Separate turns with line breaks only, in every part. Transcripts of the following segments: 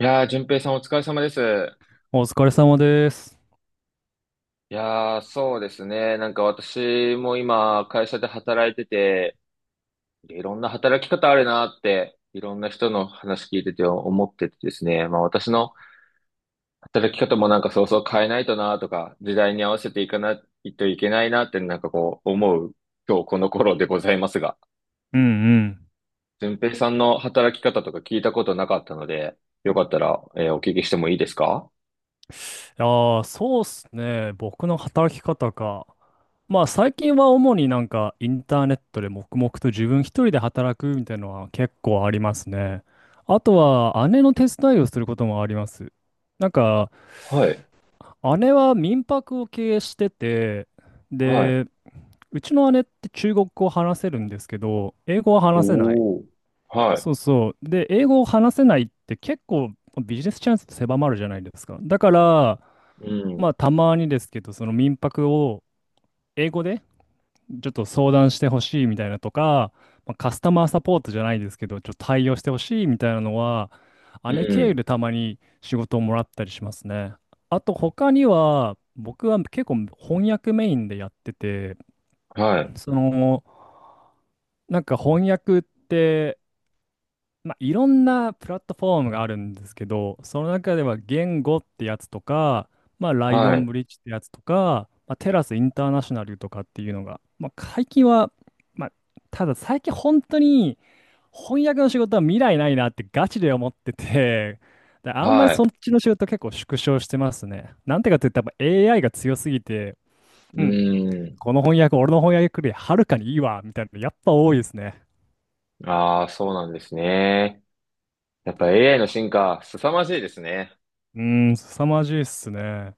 いやー、淳平さんお疲れ様です。
お疲れ様です。
いやー、そうですね。私も今、会社で働いてて、いろんな働き方あるなって、いろんな人の話聞いてて思っててですね。まあ私の働き方も変えないとなとか、時代に合わせていかないといけないなって思う、今日この頃でございますが、
うんうん。
淳平さんの働き方とか聞いたことなかったので、よかったら、お聞きしてもいいですか？
いやそうっすね。僕の働き方か。まあ最近は主にインターネットで黙々と自分一人で働くみたいなのは結構ありますね。あとは姉の手伝いをすることもあります。なんか
はい、
姉は民泊を経営してて、
はい、
で、うちの姉って中国語を話せるんですけど、英語は話せない。
おー、はい。
そうそう。で、英語を話せないって結構ビジネスチャンスって狭まるじゃないですか。だから、
うん。
まあたまにですけど、その民泊を英語でちょっと相談してほしいみたいなとか、まあ、カスタマーサポートじゃないですけど、ちょっと対応してほしいみたいなのは、
う
姉経由
ん。
でたまに仕事をもらったりしますね。あと他には、僕は結構翻訳メインでやってて、
はい。
その、翻訳って、まあ、いろんなプラットフォームがあるんですけど、その中では言語ってやつとか、まあ、ライオ
は
ン
い。
ブリッジってやつとか、まあ、テラスインターナショナルとかっていうのが、まあ、最近は、まあ、ただ最近本当に翻訳の仕事は未来ないなってガチで思ってて、であんまり
は
そっ
い。
ちの仕事結構縮小してますね。なんてかって言ったらやっぱ AI が強すぎて、
う
うん、
ん。
この翻訳、俺の翻訳よりはるかにいいわ、みたいなのやっぱ多いですね。
ああ、そうなんですね。やっぱ AI の進化、凄まじいですね。
うーん、凄まじいっすね。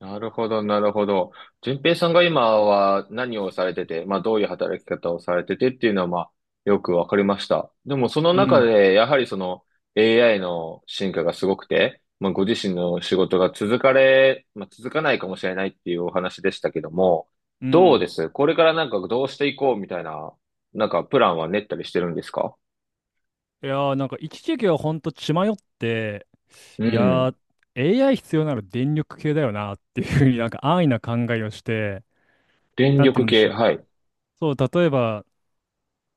なるほど、なるほど。順平さんが今は何をされてて、まあどういう働き方をされててっていうのは、まあよくわかりました。でもその
う
中
ん。
でやはりその AI の進化がすごくて、まあご自身の仕事が続かれ、まあ続かないかもしれないっていうお話でしたけども、
う
どう
ん。
ですこれからどうしていこうみたいな、プランは練ったりしてるんですか？
いやー、一時期はほんと血迷って、
う
いや
ん。
ー、AI 必要なら電力系だよなっていうふうに安易な考えをして、
電
なんて言
力
うんでし
系、
ょう。
はい。
そう、例えば、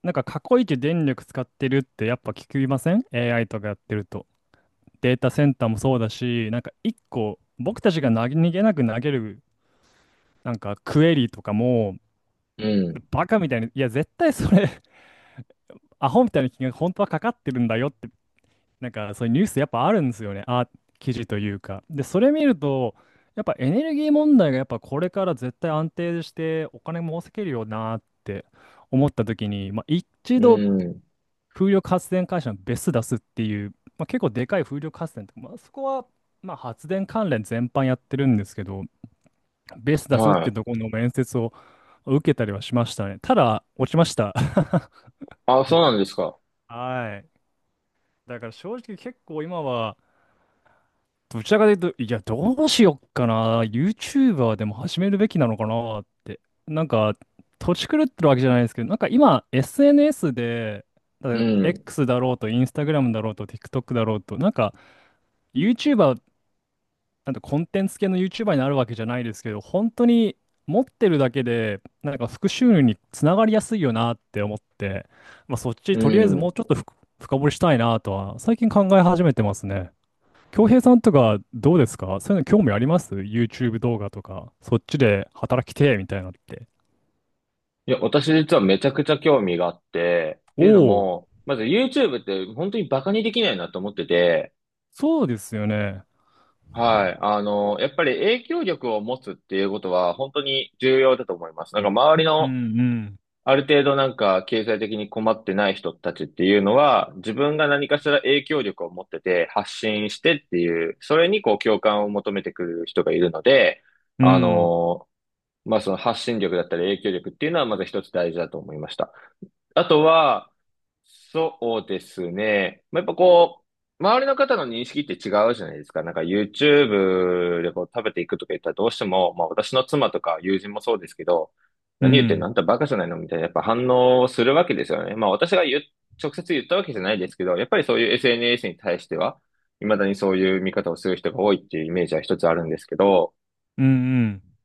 過去一電力使ってるってやっぱ聞きません？ AI とかやってると。データセンターもそうだし、一個、僕たちが投げ逃げなく投げる、クエリとかも、
うん。
バカみたいに、いや、絶対それ、アホみたいな金額本当はかかってるんだよってそういうニュースやっぱあるんですよね。あ、記事というか。で、それ見ると、やっぱエネルギー問題がやっぱこれから絶対安定してお金も稼げるよなって思った時に、まあ、一
う
度
ん。
風力発電会社のベス出すっていう、まあ、結構でかい風力発電とか、まあ、そこはまあ発電関連全般やってるんですけど、ベス出すっ
は
て
い。
とこの面接を受けたりはしましたね。ただ、落ちました。
あ、そうなんですか。
はい。だから正直結構今は、どちらかというと、いや、どうしよっかな。YouTuber でも始めるべきなのかなって。なんか、土地狂ってるわけじゃないですけど、今、SNS で、だか
う
ら
ん。
X だろうと、Instagram だろうと、TikTok だろうと、なんか、YouTuber、コンテンツ系の YouTuber になるわけじゃないですけど、本当に持ってるだけで、副収入につながりやすいよなって思って、まあ、そっち、
う
とりあえずもう
ん。
ちょっと深掘りしたいなとは、最近考え始めてますね。京平さんとかどうですかそういうの興味あります？ YouTube 動画とか、そっちで働きてえみたいなのって。
いや、私実はめちゃくちゃ興味があって、って
お
いうの
お、
も、まず YouTube って本当にバカにできないなと思ってて、
そうですよね。
はい。あの、やっぱり影響力を持つっていうことは本当に重要だと思います。なんか周り
う
の
んうん。
ある程度なんか経済的に困ってない人たちっていうのは、自分が何かしら影響力を持ってて発信してっていう、それにこう共感を求めてくる人がいるので、
う
あ
ん
の、まあその発信力だったり影響力っていうのはまず一つ大事だと思いました。あとは、そうですね。まあ、やっぱこう、周りの方の認識って違うじゃないですか。なんか YouTube でこう食べていくとか言ったらどうしても、まあ私の妻とか友人もそうですけど、
う
何言ってんの
ん
あんたバカじゃないのみたいな、やっぱ反応するわけですよね。まあ私が言う、直接言ったわけじゃないですけど、やっぱりそういう SNS に対しては、未だにそういう見方をする人が多いっていうイメージは一つあるんですけど、
うんうん。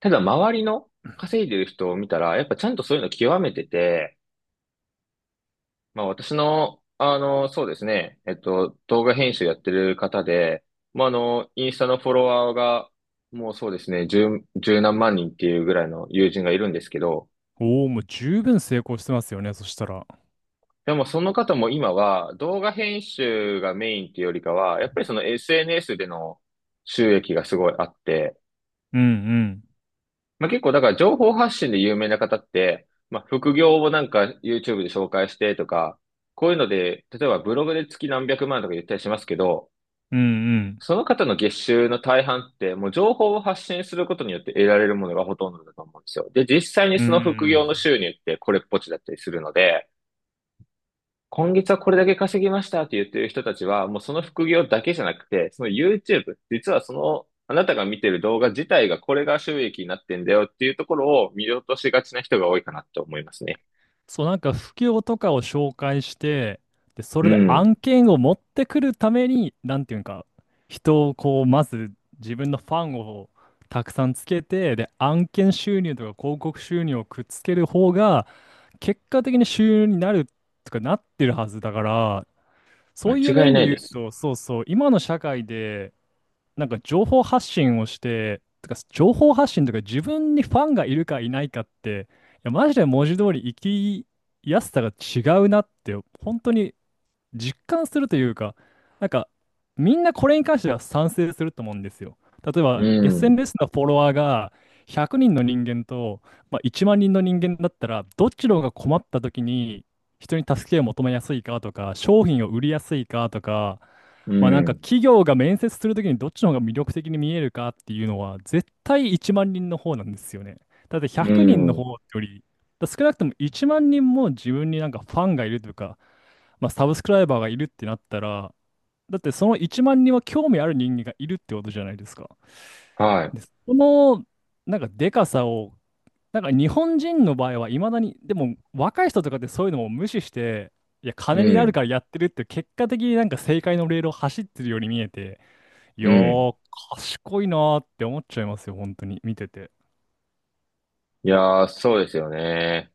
ただ周りの稼いでる人を見たら、やっぱちゃんとそういうの極めてて、まあ私の、あの、そうですね、動画編集やってる方で、まああの、インスタのフォロワーが、もうそうですね、十何万人っていうぐらいの友人がいるんですけど、
おお、もう十分成功してますよね。そしたら。
でもその方も今は動画編集がメインっていうよりかは、やっぱりその SNS での収益がすごいあって、
うんうん。
まあ結構だから情報発信で有名な方って、まあ副業をなんか YouTube で紹介してとか、こういうので、例えばブログで月何百万とか言ったりしますけど、
うんうん。
その方の月収の大半って、もう情報を発信することによって得られるものがほとんどだと思うんですよ。で、実際に
うんう
その副業の
ん。
収入ってこれっぽっちだったりするので、今月はこれだけ稼ぎましたって言ってる人たちは、もうその副業だけじゃなくて、その YouTube、実はその、あなたが見てる動画自体が、これが収益になってんだよっていうところを見落としがちな人が多いかなと思いますね。
そう、不況とかを紹介して、で、そ
う
れで
ん。
案件を持ってくるために、なんていうんか、人をこう、まず自分のファンをたくさんつけて、で、案件収入とか広告収入をくっつける方が、結果的に収入になるとかなってるはずだから、そういう
間違い
面
な
で
い
言う
です。
と、そうそう、今の社会で、情報発信をして、てか情報発信とか自分にファンがいるかいないかって、いや、マジで文字通り生きやすさが違うなって、本当に実感するというか、なんか、みんなこれに関しては賛成すると思うんですよ。例え
う
ば、
ん。
SNS のフォロワーが100人の人間と、まあ、1万人の人間だったら、どっちの方が困った時に人に助けを求めやすいかとか、商品を売りやすいかとか、
う
まあ
ん。
企業が面接するときにどっちの方が魅力的に見えるかっていうのは絶対1万人の方なんですよね。だって
う
100人の方
ん。
よりだから少なくとも1万人も自分にファンがいるというかまあ、サブスクライバーがいるってなったら、だってその1万人は興味ある人間がいるってことじゃないですか。
はい。
で、その、でかさを、日本人の場合はいまだに、でも若い人とかってそういうのも無視して、いや、
う
金になる
ん。
からやってるって結果的に正解のレールを走ってるように見えて、い
う
や
ん。
ー、賢いなーって思っちゃいますよ、本当に、見てて。
いやー、そうですよね。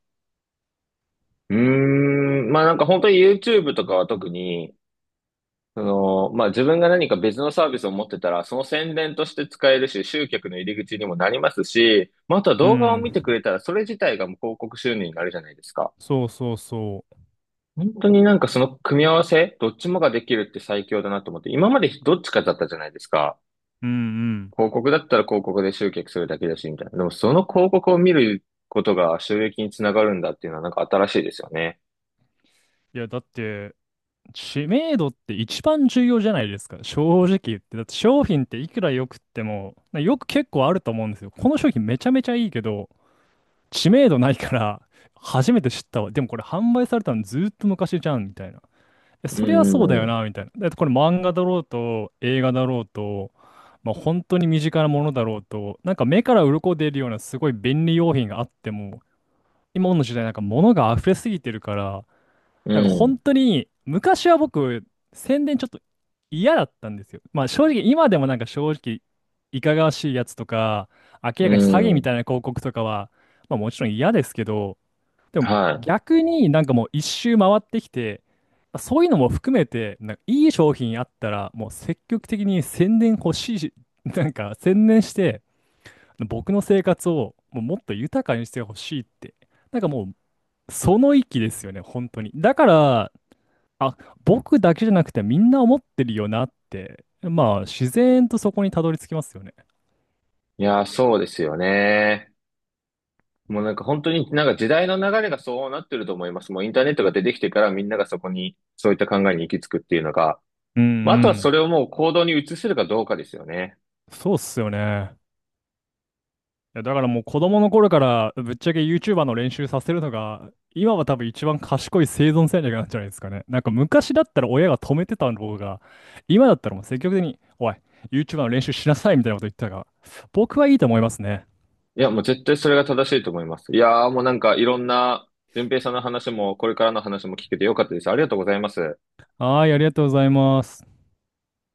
うーん、まあなんか本当に YouTube とかは特に、その、まあ自分が何か別のサービスを持ってたら、その宣伝として使えるし、集客の入り口にもなりますし、まああとは
う
動画を見てく
ん。
れたら、それ自体がもう広告収入になるじゃないですか。
そうそうそう。
本当になんかその組み合わせ、どっちもができるって最強だなと思って、今までどっちかだったじゃないですか。
うんうん。
広告だったら広告で集客するだけだし、みたいな。でもその広告を見ることが収益につながるんだっていうのは、なんか新しいですよね。
いや、だって、知名度って一番重要じゃないですか。正直言って。だって商品っていくら良くっても、よく結構あると思うんですよ。この商品めちゃめちゃいいけど、知名度ないから、初めて知ったわ。でもこれ販売されたのずーっと昔じゃん、みたいな。え
う
そりゃ
ん
そうだよ
うん
な、みたいな。だってこれ漫画だろうと、映画だろうと、まあ、本当に身近なものだろうと、目から鱗出るようなすごい便利用品があっても、今の時代物が溢れすぎてるから、
う
本
ん
当に昔は僕、宣伝ちょっと嫌だったんですよ。まあ正直今でも正直いかがわしいやつとか、明
う
らかに詐欺
ん。う
み
ん。
たいな広告とかは、まあもちろん嫌ですけど、でも
は
逆にもう一周回ってきて、そういうのも含めて、いい商品あったら、もう積極的に宣伝欲しいし、宣伝して、僕の生活をもうもっと豊かにしてほしいって、なんかもうその域ですよね、本当に。だから、あ、僕だけじゃなくてみんな思ってるよなって、まあ自然とそこにたどり着きますよね。
い。いやー、そうですよね。もうなんか本当になんか時代の流れがそうなってると思います。もうインターネットが出てきてから、みんながそこにそういった考えに行き着くっていうのが、
うんう
まあ、あとはそ
ん。
れをもう行動に移せるかどうかですよね。
そうっすよね。いや、だからもう子供の頃からぶっちゃけ YouTuber の練習させるのが、今は多分一番賢い生存戦略なんじゃないですかね。昔だったら親が止めてたのが、今だったらもう積極的に、おい、YouTuber の練習しなさいみたいなこと言ってたが、僕はいいと思いますね。
いや、もう絶対それが正しいと思います。いやーもうなんかいろんな、順平さんの話もこれからの話も聞けてよかったです。ありがとうございます。
はい、ありがとうございます。